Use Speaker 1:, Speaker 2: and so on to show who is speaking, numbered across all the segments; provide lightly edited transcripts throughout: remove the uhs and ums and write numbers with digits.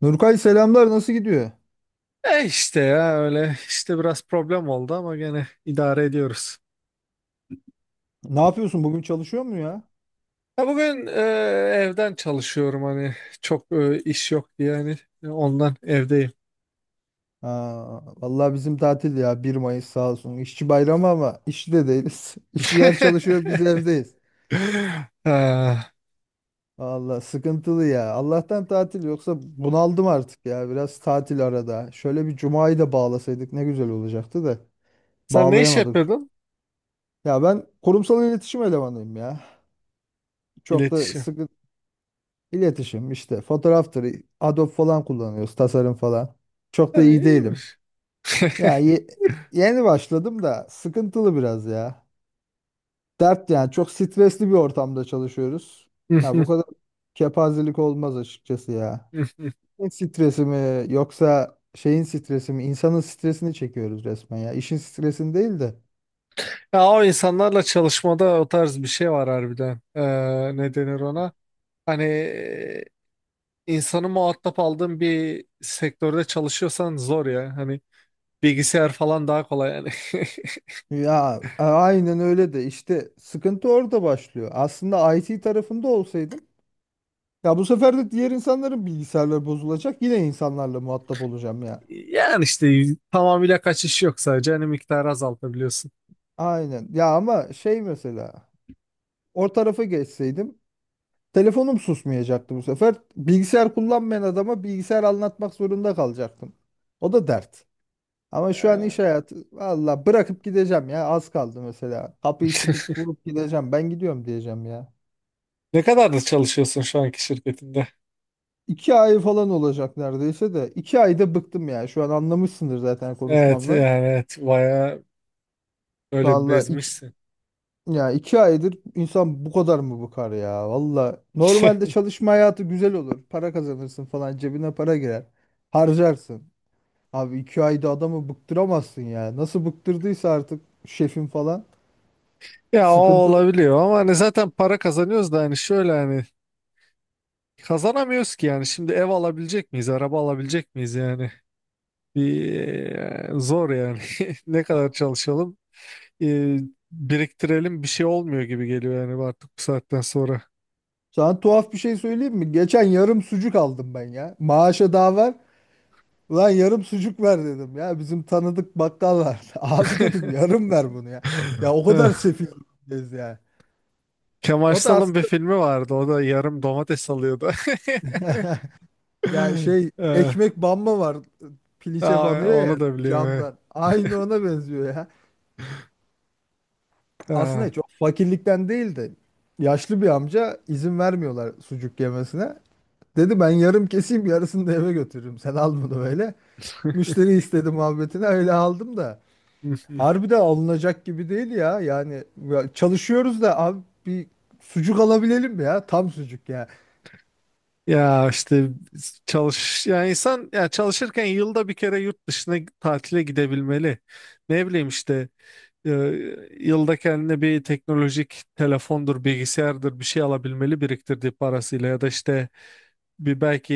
Speaker 1: Nurkay selamlar nasıl gidiyor?
Speaker 2: E işte ya öyle işte biraz problem oldu ama gene idare ediyoruz.
Speaker 1: Ne yapıyorsun bugün çalışıyor mu ya?
Speaker 2: Ya bugün evden çalışıyorum, hani çok iş yok diye, hani ondan evdeyim.
Speaker 1: Ha, vallahi bizim tatil ya bir Mayıs sağ olsun. İşçi bayramı ama işçi de değiliz. İşçiler çalışıyor biz evdeyiz.
Speaker 2: Ha,
Speaker 1: Vallahi sıkıntılı ya. Allah'tan tatil yoksa bunaldım artık ya. Biraz tatil arada. Şöyle bir cumayı da bağlasaydık ne güzel olacaktı da
Speaker 2: sen ne iş
Speaker 1: bağlayamadık.
Speaker 2: yapıyordun?
Speaker 1: Ya ben kurumsal iletişim elemanıyım ya. Çok da
Speaker 2: İletişim.
Speaker 1: sıkı iletişim işte fotoğraftır, Adobe falan kullanıyoruz, tasarım falan. Çok
Speaker 2: Ha,
Speaker 1: da iyi değilim.
Speaker 2: iyiymiş.
Speaker 1: Ya ye- Yeni başladım da sıkıntılı biraz ya. Dert yani çok stresli bir ortamda çalışıyoruz. Ya bu kadar kepazelik olmaz açıkçası ya. İşin stresi mi yoksa şeyin stresi mi? İnsanın stresini çekiyoruz resmen ya. İşin stresini değil de.
Speaker 2: Ya o insanlarla çalışmada o tarz bir şey var harbiden. Ne denir ona? Hani, insanı muhatap aldığın bir sektörde çalışıyorsan zor ya. Hani bilgisayar falan daha kolay yani.
Speaker 1: Aynen öyle de işte sıkıntı orada başlıyor. Aslında IT tarafında olsaydım ya bu sefer de diğer insanların bilgisayarları bozulacak. Yine insanlarla muhatap olacağım ya.
Speaker 2: Yani işte tamamıyla kaçış yok, sadece hani miktarı azaltabiliyorsun.
Speaker 1: Aynen. Ya ama şey mesela o tarafa geçseydim telefonum susmayacaktı bu sefer. Bilgisayar kullanmayan adama bilgisayar anlatmak zorunda kalacaktım. O da dert. Ama şu an iş
Speaker 2: Ee,
Speaker 1: hayatı valla bırakıp gideceğim ya az kaldı mesela. Kapıyı çıkıp vurup gideceğim ben gidiyorum diyeceğim ya.
Speaker 2: Ne kadardır çalışıyorsun şu anki şirketinde?
Speaker 1: İki ay falan olacak neredeyse de. İki ayda bıktım ya şu an anlamışsındır zaten
Speaker 2: Evet,
Speaker 1: konuşmamla.
Speaker 2: yani evet, bayağı böyle
Speaker 1: Valla iki
Speaker 2: bezmişsin.
Speaker 1: Ya iki aydır insan bu kadar mı bıkar ya? Valla normalde çalışma hayatı güzel olur. Para kazanırsın falan cebine para girer. Harcarsın. Abi iki ayda adamı bıktıramazsın ya. Nasıl bıktırdıysa artık şefin falan.
Speaker 2: Ya o
Speaker 1: Sıkıntılı.
Speaker 2: olabiliyor ama hani zaten para kazanıyoruz da hani şöyle hani kazanamıyoruz ki yani. Şimdi ev alabilecek miyiz, araba alabilecek miyiz yani? Bir Zor yani. Ne kadar çalışalım, e, biriktirelim, bir şey olmuyor gibi geliyor yani artık bu saatten sonra.
Speaker 1: Sana tuhaf bir şey söyleyeyim mi? Geçen yarım sucuk aldım ben ya. Maaşa daha var. Ulan yarım sucuk ver dedim ya. Bizim tanıdık bakkal var. Abi dedim yarım ver bunu ya. Ya o
Speaker 2: Eh,
Speaker 1: kadar sefil ya.
Speaker 2: Kemal
Speaker 1: O da
Speaker 2: Sal'ın bir
Speaker 1: aslında
Speaker 2: filmi vardı. O da yarım domates alıyordu.
Speaker 1: yani şey
Speaker 2: Eh,
Speaker 1: ekmek banma var. Piliçe
Speaker 2: aa,
Speaker 1: banıyor ya
Speaker 2: onu da biliyorum, evet.
Speaker 1: camdan. Aynı ona benziyor ya.
Speaker 2: Ah.
Speaker 1: Aslında çok fakirlikten değil de yaşlı bir amca izin vermiyorlar sucuk yemesine. Dedi ben yarım keseyim yarısını da eve götürürüm. Sen al bunu böyle. Müşteri istedi muhabbetine öyle aldım da. Harbi de alınacak gibi değil ya. Yani ya çalışıyoruz da abi bir sucuk alabilelim ya. Tam sucuk ya.
Speaker 2: Ya işte çalış yani. İnsan ya çalışırken yılda bir kere yurt dışına tatile gidebilmeli. Ne bileyim işte, e, yılda kendine bir teknolojik, telefondur, bilgisayardır, bir şey alabilmeli biriktirdiği parasıyla, ya da işte bir belki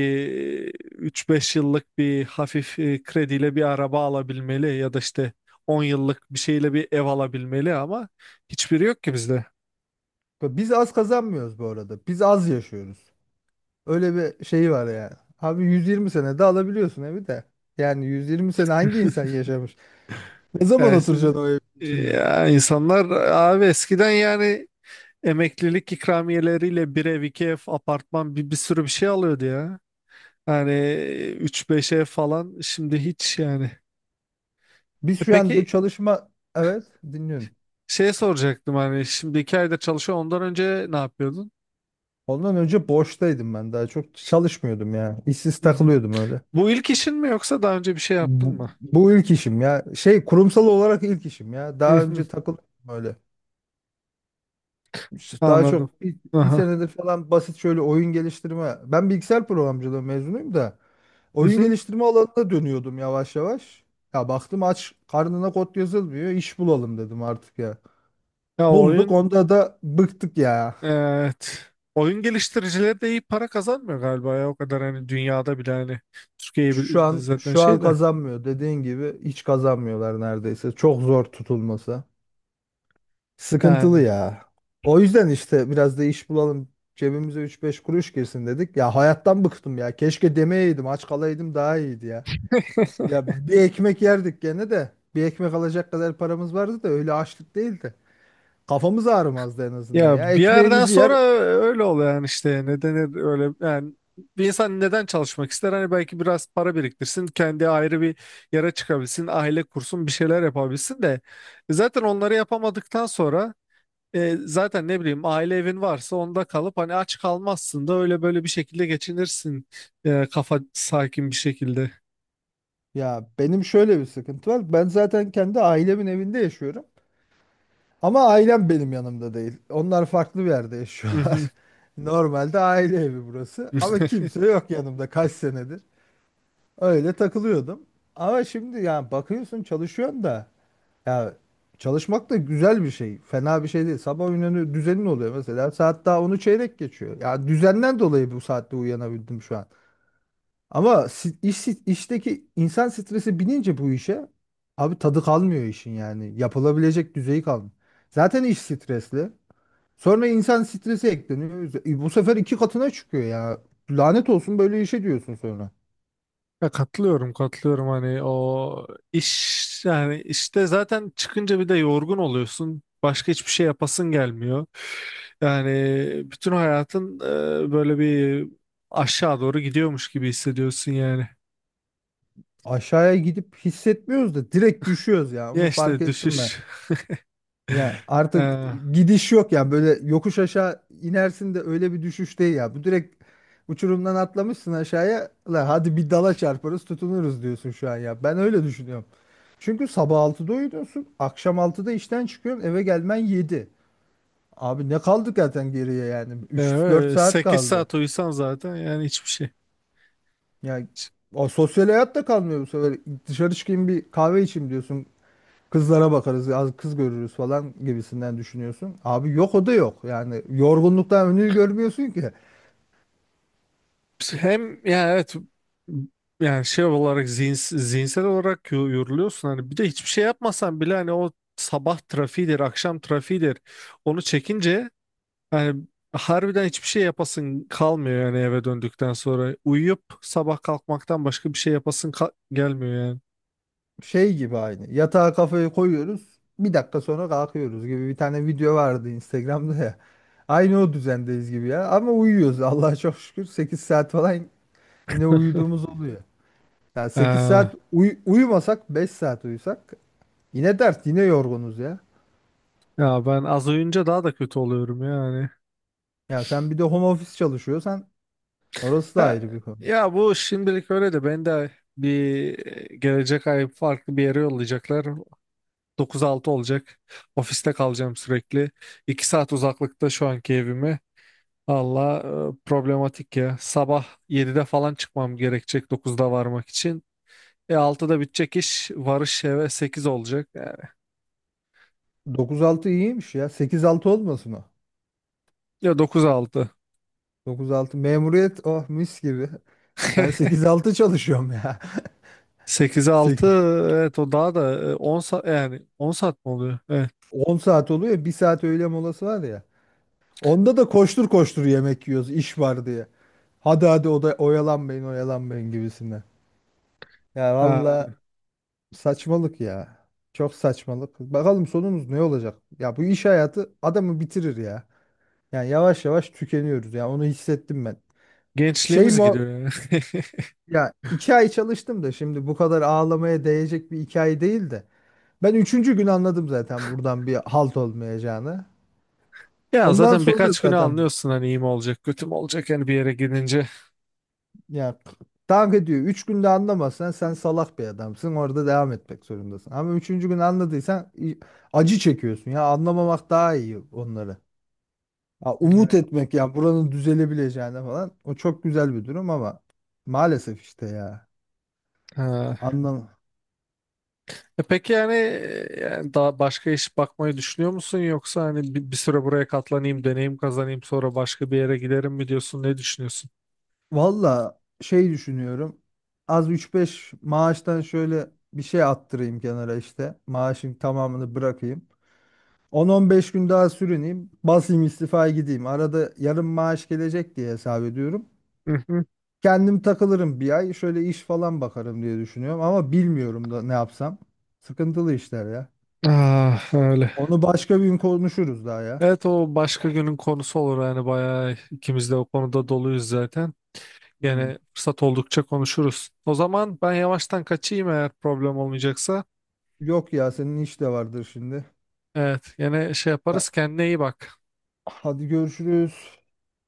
Speaker 2: 3-5 yıllık bir hafif krediyle bir araba alabilmeli, ya da işte 10 yıllık bir şeyle bir ev alabilmeli, ama hiçbiri yok ki bizde.
Speaker 1: Biz az kazanmıyoruz bu arada. Biz az yaşıyoruz. Öyle bir şeyi var yani. Abi 120 sene de alabiliyorsun evi de. Yani 120 sene hangi insan yaşamış? Ne zaman
Speaker 2: Yani,
Speaker 1: oturacaksın o evin içinde?
Speaker 2: ya insanlar abi eskiden yani emeklilik ikramiyeleriyle bir ev, iki ev, apartman, bir sürü bir şey alıyordu ya. Yani 3-5 ev falan, şimdi hiç yani.
Speaker 1: Biz
Speaker 2: E
Speaker 1: şu an bu
Speaker 2: peki,
Speaker 1: çalışma... Evet, dinliyorum.
Speaker 2: şey soracaktım, hani şimdi iki ayda çalışıyor, ondan önce ne yapıyordun?
Speaker 1: Ondan önce boştaydım ben daha çok çalışmıyordum ya. İşsiz takılıyordum öyle.
Speaker 2: Bu ilk işin mi, yoksa daha önce bir şey yaptın
Speaker 1: Bu,
Speaker 2: mı?
Speaker 1: bu ilk işim ya. Şey kurumsal olarak ilk işim ya.
Speaker 2: Hı
Speaker 1: Daha
Speaker 2: hı.
Speaker 1: önce takılıyordum öyle. İşte daha
Speaker 2: Anladım.
Speaker 1: çok bir
Speaker 2: Aha.
Speaker 1: senedir falan basit şöyle oyun geliştirme. Ben bilgisayar programcılığı mezunuyum da.
Speaker 2: Hı
Speaker 1: Oyun
Speaker 2: hı.
Speaker 1: geliştirme alanına dönüyordum yavaş yavaş. Ya baktım aç karnına kod yazılmıyor. İş bulalım dedim artık ya.
Speaker 2: Ya
Speaker 1: Bulduk
Speaker 2: oyun,
Speaker 1: onda da bıktık ya.
Speaker 2: evet. Oyun geliştiricileri de iyi para kazanmıyor galiba ya, o kadar hani dünyada bile, hani Türkiye
Speaker 1: Şu
Speaker 2: bile-
Speaker 1: an
Speaker 2: zaten
Speaker 1: şu an
Speaker 2: şey de
Speaker 1: kazanmıyor dediğin gibi hiç kazanmıyorlar neredeyse. Çok zor tutulması. Sıkıntılı
Speaker 2: yani.
Speaker 1: ya. O yüzden işte biraz da iş bulalım. Cebimize üç beş kuruş girsin dedik. Ya hayattan bıktım ya. Keşke demeyeydim, aç kalaydım daha iyiydi ya. Ya bir ekmek yerdik gene de. Bir ekmek alacak kadar paramız vardı da öyle açlık değildi. Kafamız ağrımazdı en azından ya.
Speaker 2: Ya bir yerden
Speaker 1: Ekmeğimizi yer.
Speaker 2: sonra öyle oluyor yani. İşte neden öyle yani, bir insan neden çalışmak ister? Hani belki biraz para biriktirsin, kendi ayrı bir yere çıkabilsin, aile kursun, bir şeyler yapabilsin de. E zaten onları yapamadıktan sonra, E, zaten, ne bileyim, aile evin varsa onda kalıp hani aç kalmazsın da öyle böyle bir şekilde geçinirsin, kafa sakin bir şekilde.
Speaker 1: Ya benim şöyle bir sıkıntı var. Ben zaten kendi ailemin evinde yaşıyorum. Ama ailem benim yanımda değil. Onlar farklı bir yerde
Speaker 2: Hı hı.
Speaker 1: yaşıyorlar. Normalde aile evi burası. Ama kimse yok yanımda kaç senedir. Öyle takılıyordum. Ama şimdi ya bakıyorsun çalışıyorsun da ya çalışmak da güzel bir şey. Fena bir şey değil. Sabah uyanıyor düzenin oluyor mesela. Saat daha onu çeyrek geçiyor. Ya düzenden dolayı bu saatte uyanabildim şu an. Ama işteki insan stresi binince bu işe abi tadı kalmıyor işin yani. Yapılabilecek düzeyi kalmıyor. Zaten iş stresli. Sonra insan stresi ekleniyor. Bu sefer iki katına çıkıyor ya. Lanet olsun böyle işe diyorsun sonra.
Speaker 2: Ya katılıyorum, katılıyorum, hani o iş yani. İşte zaten çıkınca bir de yorgun oluyorsun. Başka hiçbir şey yapasın gelmiyor. Yani bütün hayatın böyle bir aşağı doğru gidiyormuş gibi hissediyorsun yani.
Speaker 1: Aşağıya gidip hissetmiyoruz da direkt düşüyoruz ya.
Speaker 2: Ya
Speaker 1: Onu fark
Speaker 2: işte
Speaker 1: ettim
Speaker 2: düşüş.
Speaker 1: ben. Ya
Speaker 2: E,
Speaker 1: artık gidiş yok ya böyle yokuş aşağı inersin de öyle bir düşüş değil ya. Bu direkt uçurumdan atlamışsın aşağıya. La hadi bir dala çarparız tutunuruz diyorsun şu an ya. Ben öyle düşünüyorum. Çünkü sabah 6'da uyuyorsun, akşam altıda işten çıkıyorsun, eve gelmen yedi. Abi ne kaldı zaten geriye yani? Üç dört saat
Speaker 2: 8
Speaker 1: kaldı.
Speaker 2: saat uyusan zaten yani hiçbir şey.
Speaker 1: Ya o sosyal hayat da kalmıyor bu sefer. Dışarı çıkayım bir kahve içeyim diyorsun. Kızlara bakarız, az kız görürüz falan gibisinden düşünüyorsun. Abi yok o da yok. Yani yorgunluktan önünü görmüyorsun ki.
Speaker 2: Hem yani evet, yani şey olarak zihinsel olarak yoruluyorsun hani, bir de hiçbir şey yapmasan bile hani o sabah trafiğidir, akşam trafiğidir, onu çekince hani harbiden hiçbir şey yapasın kalmıyor yani. Eve döndükten sonra uyuyup sabah kalkmaktan başka bir şey yapasın gelmiyor yani.
Speaker 1: Şey gibi aynı. Yatağa kafayı koyuyoruz. Bir dakika sonra kalkıyoruz gibi bir tane video vardı Instagram'da ya. Aynı o düzendeyiz gibi ya. Ama uyuyoruz Allah'a çok şükür. Sekiz saat falan yine uyuduğumuz oluyor. Yani sekiz
Speaker 2: Ee,
Speaker 1: saat uyumasak beş saat uyusak yine dert yine yorgunuz ya.
Speaker 2: Ya ben az uyuyunca daha da kötü oluyorum yani.
Speaker 1: Ya sen bir de home office çalışıyorsan orası da
Speaker 2: Ya,
Speaker 1: ayrı bir konu.
Speaker 2: Ya bu şimdilik öyle de, ben de bir gelecek ay farklı bir yere yollayacaklar. Dokuz altı olacak. Ofiste kalacağım sürekli. 2 saat uzaklıkta şu anki evime. Allah, problematik ya. Sabah 7'de falan çıkmam gerekecek dokuzda varmak için. E 6'da bitecek iş. Varış eve 8 olacak. Yani,
Speaker 1: Dokuz altı iyiymiş ya. Sekiz altı olmasın o.
Speaker 2: ya dokuz altı.
Speaker 1: Dokuz altı memuriyet oh mis gibi. Ben sekiz altı çalışıyorum ya.
Speaker 2: 8'e altı.
Speaker 1: Sekiz
Speaker 2: Evet, o daha da 10 saat, yani on saat mi oluyor? Evet.
Speaker 1: on saat oluyor. Bir saat öğle molası var ya. Onda da koştur koştur yemek yiyoruz iş var diye. Hadi hadi o da oyalanmayın oyalanmayın gibisinden. Ya
Speaker 2: Ha,
Speaker 1: valla saçmalık ya. Çok saçmalık. Bakalım sonumuz ne olacak? Ya bu iş hayatı adamı bitirir ya. Yani yavaş yavaş tükeniyoruz. Yani onu hissettim ben. Şey
Speaker 2: gençliğimiz
Speaker 1: mi?
Speaker 2: gidiyor yani.
Speaker 1: Ya iki ay çalıştım da şimdi bu kadar ağlamaya değecek bir hikaye değil de. Ben üçüncü gün anladım zaten buradan bir halt olmayacağını.
Speaker 2: Ya
Speaker 1: Ondan
Speaker 2: zaten
Speaker 1: sonra
Speaker 2: birkaç güne
Speaker 1: zaten
Speaker 2: anlıyorsun hani iyi mi olacak, kötü mü olacak yani, bir yere gidince.
Speaker 1: ya dank ediyor. Üç günde anlamazsan sen salak bir adamsın. Orada devam etmek zorundasın. Ama üçüncü gün anladıysan acı çekiyorsun. Ya anlamamak daha iyi onları. Ya umut
Speaker 2: Evet.
Speaker 1: etmek ya buranın düzelebileceğine falan. O çok güzel bir durum ama maalesef işte ya.
Speaker 2: Ha.
Speaker 1: Anlam.
Speaker 2: E peki yani, yani daha başka iş bakmayı düşünüyor musun, yoksa hani bir süre buraya katlanayım, deneyim kazanayım, sonra başka bir yere giderim mi diyorsun? Ne düşünüyorsun?
Speaker 1: Valla şey düşünüyorum. Az üç beş maaştan şöyle bir şey attırayım kenara işte. Maaşın tamamını bırakayım. On on beş gün daha sürüneyim. Basayım istifa gideyim. Arada yarım maaş gelecek diye hesap ediyorum.
Speaker 2: Hı hı.
Speaker 1: Kendim takılırım bir ay. Şöyle iş falan bakarım diye düşünüyorum. Ama bilmiyorum da ne yapsam. Sıkıntılı işler ya.
Speaker 2: Ah, öyle.
Speaker 1: Onu başka bir gün konuşuruz daha ya.
Speaker 2: Evet, o başka günün konusu olur yani, bayağı ikimiz de o konuda doluyuz zaten.
Speaker 1: Hmm.
Speaker 2: Yani fırsat oldukça konuşuruz. O zaman ben yavaştan kaçayım eğer problem olmayacaksa.
Speaker 1: Yok ya senin iş de vardır şimdi.
Speaker 2: Evet, yine şey
Speaker 1: Ben-
Speaker 2: yaparız. Kendine iyi bak.
Speaker 1: Hadi görüşürüz.